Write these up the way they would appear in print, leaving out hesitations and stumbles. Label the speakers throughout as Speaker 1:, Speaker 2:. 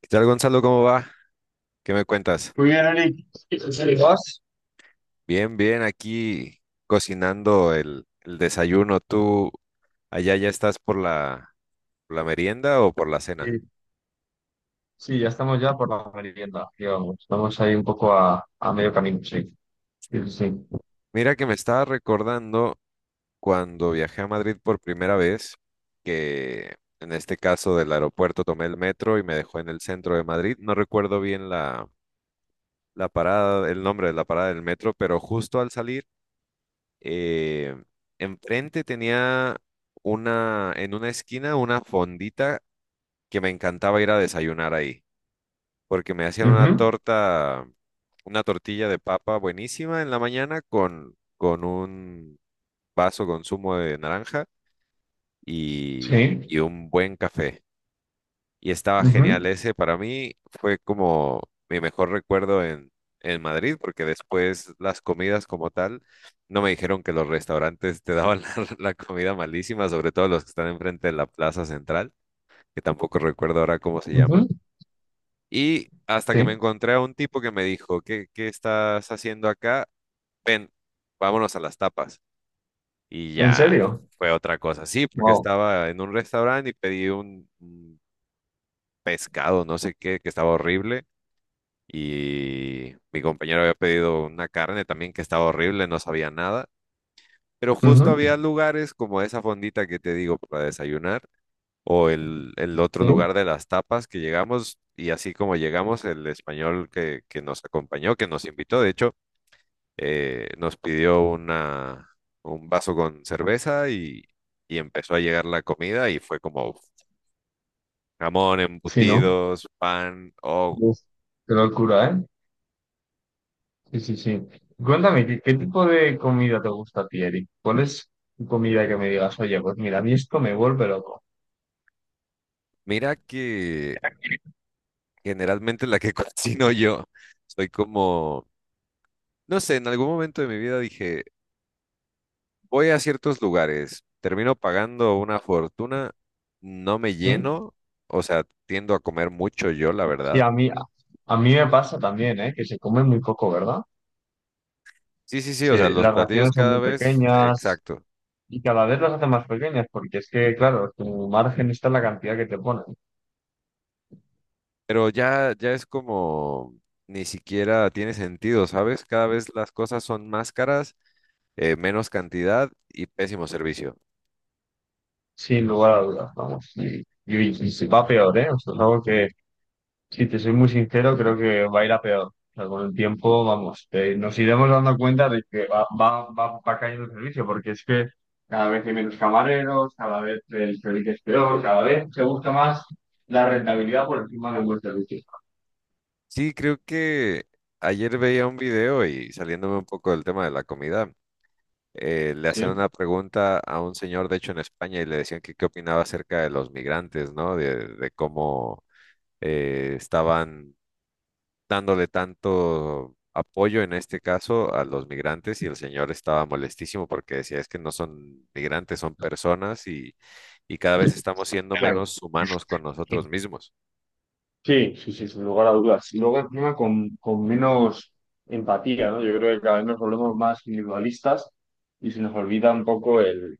Speaker 1: ¿Qué tal, Gonzalo? ¿Cómo va? ¿Qué me cuentas?
Speaker 2: Muy bien, Eric. Sí, ¿vas?
Speaker 1: Bien, bien, aquí cocinando el desayuno. ¿Tú allá ya estás por por la merienda o por la
Speaker 2: Sí,
Speaker 1: cena?
Speaker 2: sí, ya estamos ya por la merienda, digamos. Estamos ahí un poco a medio camino, sí. Sí, sí.
Speaker 1: Mira que me estaba recordando cuando viajé a Madrid por primera vez, que en este caso del aeropuerto tomé el metro y me dejó en el centro de Madrid. No recuerdo bien la parada, el nombre de la parada del metro, pero justo al salir eh, enfrente tenía una, en una esquina, una fondita que me encantaba ir a desayunar ahí, porque me
Speaker 2: Sí.
Speaker 1: hacían una
Speaker 2: Ujú.
Speaker 1: torta, una tortilla de papa buenísima en la mañana con un vaso con zumo de naranja
Speaker 2: Sí.
Speaker 1: y un buen café. Y estaba genial.
Speaker 2: Ujú.
Speaker 1: Ese para mí fue como mi mejor recuerdo en Madrid, porque después las comidas como tal, no me dijeron que los restaurantes te daban la comida malísima, sobre todo los que están enfrente de la plaza central, que tampoco recuerdo ahora cómo se llama.
Speaker 2: Ujú.
Speaker 1: Y hasta que
Speaker 2: Sí.
Speaker 1: me encontré a un tipo que me dijo, ¿qué, qué estás haciendo acá? Ven, vámonos a las tapas. Y
Speaker 2: ¿En
Speaker 1: ya
Speaker 2: serio?
Speaker 1: fue otra cosa, sí, porque
Speaker 2: Wow.
Speaker 1: estaba en un restaurante y pedí un pescado, no sé qué, que estaba horrible y mi compañero había pedido una carne también que estaba horrible, no sabía nada, pero justo
Speaker 2: Ujú.
Speaker 1: había lugares como esa fondita que te digo para desayunar o el otro
Speaker 2: Sí.
Speaker 1: lugar de las tapas que llegamos y así como llegamos, el español que nos acompañó, que nos invitó, de hecho, nos pidió una, un vaso con cerveza y empezó a llegar la comida y fue como... Uf, jamón,
Speaker 2: Sí, ¿no?
Speaker 1: embutidos, pan, oh.
Speaker 2: Uf. Qué locura, ¿eh? Sí, sí, sí. Cuéntame, ¿qué tipo de comida te gusta a ti, Eric? ¿Cuál es tu comida que me digas, oye, pues mira, a mí esto me vuelve loco?
Speaker 1: Mira que generalmente la que cocino yo. Soy como, no sé, en algún momento de mi vida dije, voy a ciertos lugares, termino pagando una fortuna, no me
Speaker 2: Sí,
Speaker 1: lleno, o sea, tiendo a comer mucho yo, la
Speaker 2: sí,
Speaker 1: verdad.
Speaker 2: a mí me pasa también, ¿eh? Que se come muy poco, ¿verdad?
Speaker 1: Sí, sí, sí, o
Speaker 2: Sí,
Speaker 1: sea, los
Speaker 2: las
Speaker 1: platillos
Speaker 2: raciones son
Speaker 1: cada
Speaker 2: muy
Speaker 1: vez,
Speaker 2: pequeñas
Speaker 1: exacto,
Speaker 2: y cada vez las hacen más pequeñas porque es que, claro, tu margen está en la cantidad que te ponen,
Speaker 1: pero ya, ya es como, ni siquiera tiene sentido, ¿sabes? Cada vez las cosas son más caras, menos cantidad y pésimo servicio.
Speaker 2: sin lugar a dudas, vamos. Y va peor, ¿eh? O sea, es algo que, si te soy muy sincero, creo que va a ir a peor. O sea, con el tiempo, vamos, nos iremos dando cuenta de que va cayendo el servicio porque es que cada vez hay menos camareros, cada vez el servicio es peor, cada vez se busca más la rentabilidad por encima de un buen servicio.
Speaker 1: Sí, creo que ayer veía un video y saliéndome un poco del tema de la comida, le hacían
Speaker 2: ¿Sí?
Speaker 1: una pregunta a un señor, de hecho en España, y le decían que qué opinaba acerca de los migrantes, ¿no? De cómo estaban dándole tanto apoyo en este caso a los migrantes y el señor estaba molestísimo porque decía es que no son migrantes, son personas y cada vez estamos siendo
Speaker 2: Claro.
Speaker 1: menos humanos con nosotros mismos.
Speaker 2: Sí, sí, sí, sin lugar a dudas. Y luego encima con menos empatía, ¿no? Yo creo que cada vez nos volvemos más individualistas y se nos olvida un poco el,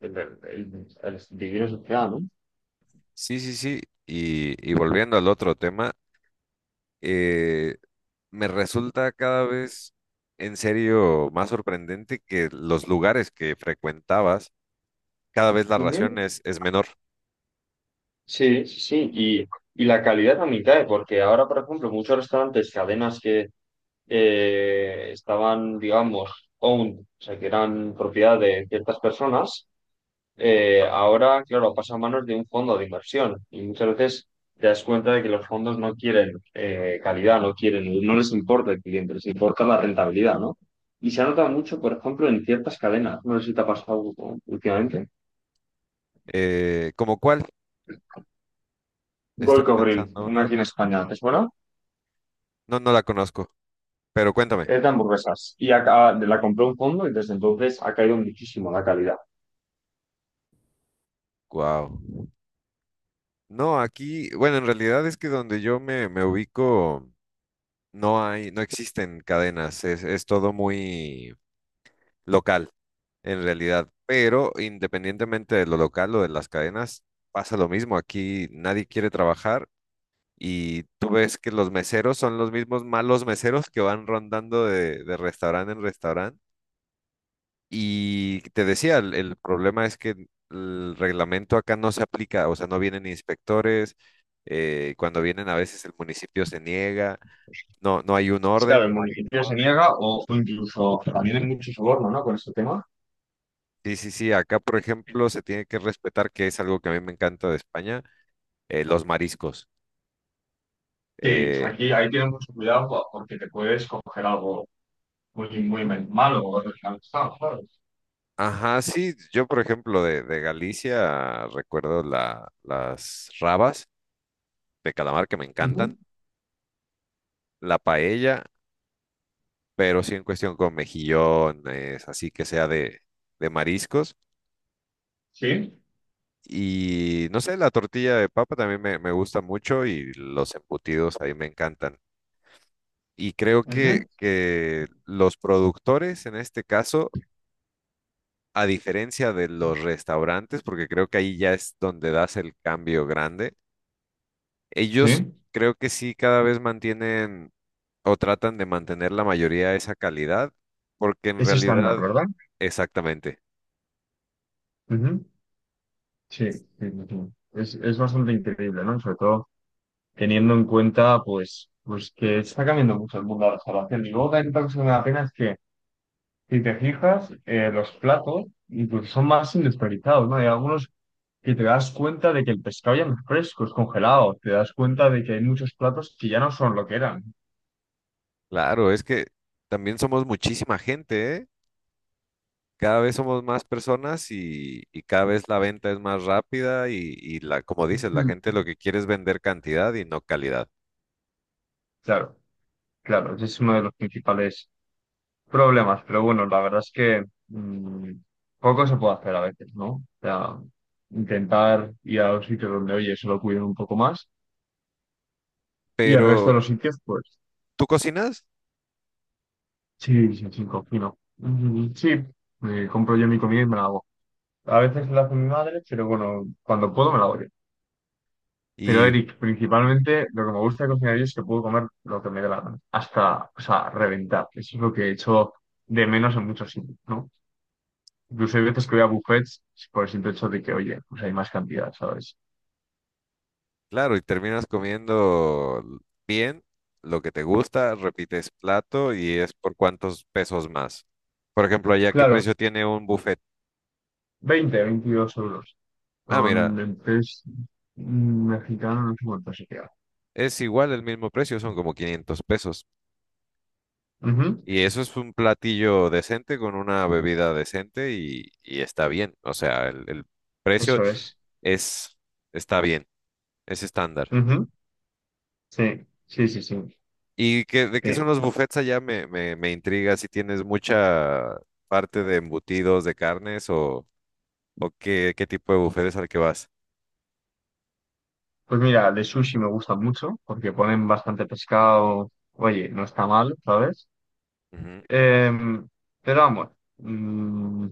Speaker 2: el, el- el- el vivir en sociedad, ¿no?
Speaker 1: Sí, sí, sí. Y volviendo al otro tema. eh, Me resulta cada vez en serio más sorprendente que los lugares que frecuentabas, cada vez la ración
Speaker 2: Ujú.
Speaker 1: es menor.
Speaker 2: Sí, sí, sí. Y la calidad también cae, porque ahora, por ejemplo, muchos restaurantes, cadenas que estaban, digamos, owned, o sea, que eran propiedad de ciertas personas, ahora, claro, pasa a manos de un fondo de inversión y muchas veces te das cuenta de que los fondos no quieren calidad, no quieren, no les importa el cliente, les importa la rentabilidad, ¿no? Y se nota mucho, por ejemplo, en ciertas cadenas. No sé si te ha pasado, ¿no?, últimamente.
Speaker 1: ¿Cómo cuál? Estoy
Speaker 2: Goico Grill,
Speaker 1: pensando
Speaker 2: una
Speaker 1: una.
Speaker 2: aquí en España, ¿te suena?
Speaker 1: No, no la conozco, pero cuéntame.
Speaker 2: Es de hamburguesas. Y acá, la compró un fondo y desde entonces ha caído muchísimo la calidad.
Speaker 1: Wow. No, aquí, bueno, en realidad es que donde yo me ubico no hay, no existen cadenas, es todo muy local en realidad, pero independientemente de lo local o de las cadenas, pasa lo mismo, aquí nadie quiere trabajar. Y tú ves que los meseros son los mismos malos meseros que van rondando de restaurante en restaurante. Y te decía, el problema es que el reglamento acá no se aplica, o sea, no vienen inspectores, cuando vienen a veces el municipio se niega, no, no hay un
Speaker 2: Claro,
Speaker 1: orden.
Speaker 2: el municipio se niega o incluso también hay mucho soborno, ¿no? Con este tema.
Speaker 1: Sí, sí, sí, acá por ejemplo se tiene que respetar, que es algo que a mí me encanta de España, los mariscos.
Speaker 2: Sí,
Speaker 1: Eh,
Speaker 2: aquí ahí tienes mucho cuidado porque te puedes coger algo muy, muy malo o original. Ah, claro.
Speaker 1: ajá, sí, yo por ejemplo de Galicia recuerdo la, las rabas de calamar que me encantan,
Speaker 2: Ujú.
Speaker 1: la paella, pero sí en cuestión con mejillones, así que sea de mariscos.
Speaker 2: Sí,
Speaker 1: Y no sé, la tortilla de papa también me gusta mucho y los embutidos ahí me encantan. Y creo
Speaker 2: ujú,
Speaker 1: que los productores en este caso, a diferencia de los restaurantes, porque creo que ahí ya es donde das el cambio grande, ellos
Speaker 2: sí,
Speaker 1: creo que sí cada vez mantienen o tratan de mantener la mayoría de esa calidad, porque en
Speaker 2: es estándar,
Speaker 1: realidad,
Speaker 2: ¿verdad?
Speaker 1: exactamente.
Speaker 2: Ujú. Sí, sí, sí, sí. Es bastante increíble, ¿no? Sobre todo teniendo en cuenta, pues que está cambiando mucho el mundo de la salvación. Y luego también otra cosa que me da pena es que, si te fijas, los platos incluso son más industrializados, ¿no? Hay algunos que te das cuenta de que el pescado ya no es fresco, es congelado. Te das cuenta de que hay muchos platos que ya no son lo que eran.
Speaker 1: Claro, es que también somos muchísima gente, ¿eh? Cada vez somos más personas y cada vez la venta es más rápida y la, como dices, la
Speaker 2: Ujú.
Speaker 1: gente lo que quiere es vender cantidad y no calidad.
Speaker 2: Claro, claro, ese es uno de los principales problemas. Pero bueno, la verdad es que poco se puede hacer a veces, ¿no? O sea, intentar ir a los sitios donde, oye, se lo cuiden un poco más. Y el resto
Speaker 1: Pero
Speaker 2: de los sitios, pues,
Speaker 1: tú cocinas
Speaker 2: sí, sí, sí, cocino. Mm, sí, me compro yo mi comida y me la hago. A veces la hace mi madre, pero bueno, cuando puedo me la doy. Pero
Speaker 1: y
Speaker 2: Eric, principalmente lo que me gusta de cocinar yo es que puedo comer lo que me dé la gana, hasta, o sea, reventar. Eso es lo que he hecho de menos en muchos sitios, ¿no? Incluso hay veces que voy a buffets por el simple hecho de que, oye, pues hay más cantidad, ¿sabes?
Speaker 1: claro, y terminas comiendo bien lo que te gusta, repites plato y es por cuántos pesos más. Por ejemplo, allá, ¿qué
Speaker 2: Claro,
Speaker 1: precio tiene un buffet?
Speaker 2: 20 22 euros.
Speaker 1: Ah,
Speaker 2: Son
Speaker 1: mira,
Speaker 2: en tres mexicano no sé cuánto se queda.
Speaker 1: es igual el mismo precio, son como 500 pesos.
Speaker 2: Ujú,
Speaker 1: Y eso es un platillo decente con una bebida decente y está bien. O sea, el precio
Speaker 2: eso es.
Speaker 1: es, está bien, es estándar.
Speaker 2: Ujú, sí, sí, sí, sí.
Speaker 1: ¿Y qué, de qué son
Speaker 2: Sí.
Speaker 1: los buffets allá? Me intriga si tienes mucha parte de embutidos, de carnes o qué, qué tipo de buffet es al que vas.
Speaker 2: Pues mira, de sushi me gusta mucho porque ponen bastante pescado. Oye, no está mal, ¿sabes?
Speaker 1: Ujú.
Speaker 2: Em, pero vamos, mm,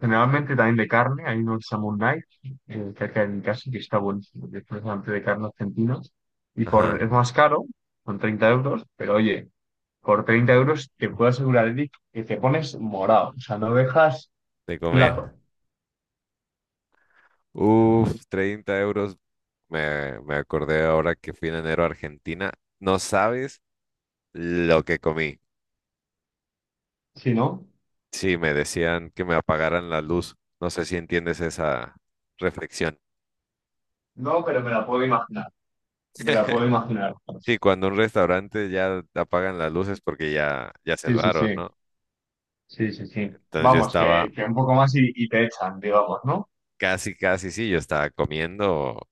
Speaker 2: generalmente también de carne. Hay uno que se llama un Night, cerca de mi casa, que está buenísimo, que es precisamente de carne argentina. Y
Speaker 1: Ajá,
Speaker 2: por, es más caro, son 30 euros, pero oye, por 30 euros te puedo asegurar, Eric, que te pones morado. O sea, no dejas
Speaker 1: de comer.
Speaker 2: plato.
Speaker 1: Uf, 30 euros. Me, me acordé ahora que fui en enero a Argentina. No sabes lo que comí.
Speaker 2: Si no,
Speaker 1: Sí, me decían que me apagaran la luz. No sé si entiendes esa reflexión.
Speaker 2: no, pero me la puedo imaginar. Me la puedo imaginar.
Speaker 1: Sí, cuando un restaurante ya apagan las luces porque ya, ya
Speaker 2: Sí, sí, sí.
Speaker 1: cerraron, ¿no?
Speaker 2: Sí, sí, sí.
Speaker 1: Entonces yo
Speaker 2: Vamos, que,
Speaker 1: estaba
Speaker 2: que un poco más y te echan, digamos, ¿no?
Speaker 1: casi, casi, sí, yo estaba comiendo.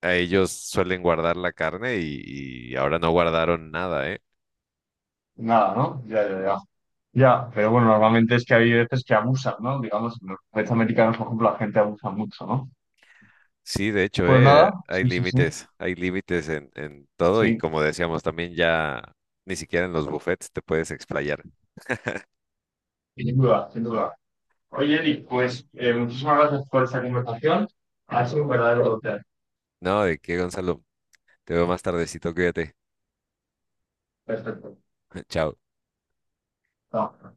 Speaker 1: A ellos suelen guardar la carne y ahora no guardaron nada, ¿eh?
Speaker 2: Nada, ¿no? Ya, ya, ya. Ya, pero bueno, normalmente es que hay veces que abusan, ¿no? Digamos, en los países americanos, por ejemplo, la gente abusa mucho, ¿no?
Speaker 1: Sí, de hecho,
Speaker 2: Pues
Speaker 1: ¿eh?
Speaker 2: nada, sí, sí, sí.
Speaker 1: Hay límites en todo y
Speaker 2: Sí,
Speaker 1: como decíamos también ya ni siquiera en los buffets te puedes explayar.
Speaker 2: sin duda, sin duda. Oye, Eli, pues muchísimas gracias por esta conversación. Ha sido un verdadero placer.
Speaker 1: No, ¿de qué, Gonzalo? Te veo más tardecito, cuídate.
Speaker 2: Perfecto.
Speaker 1: Chao.
Speaker 2: Chao.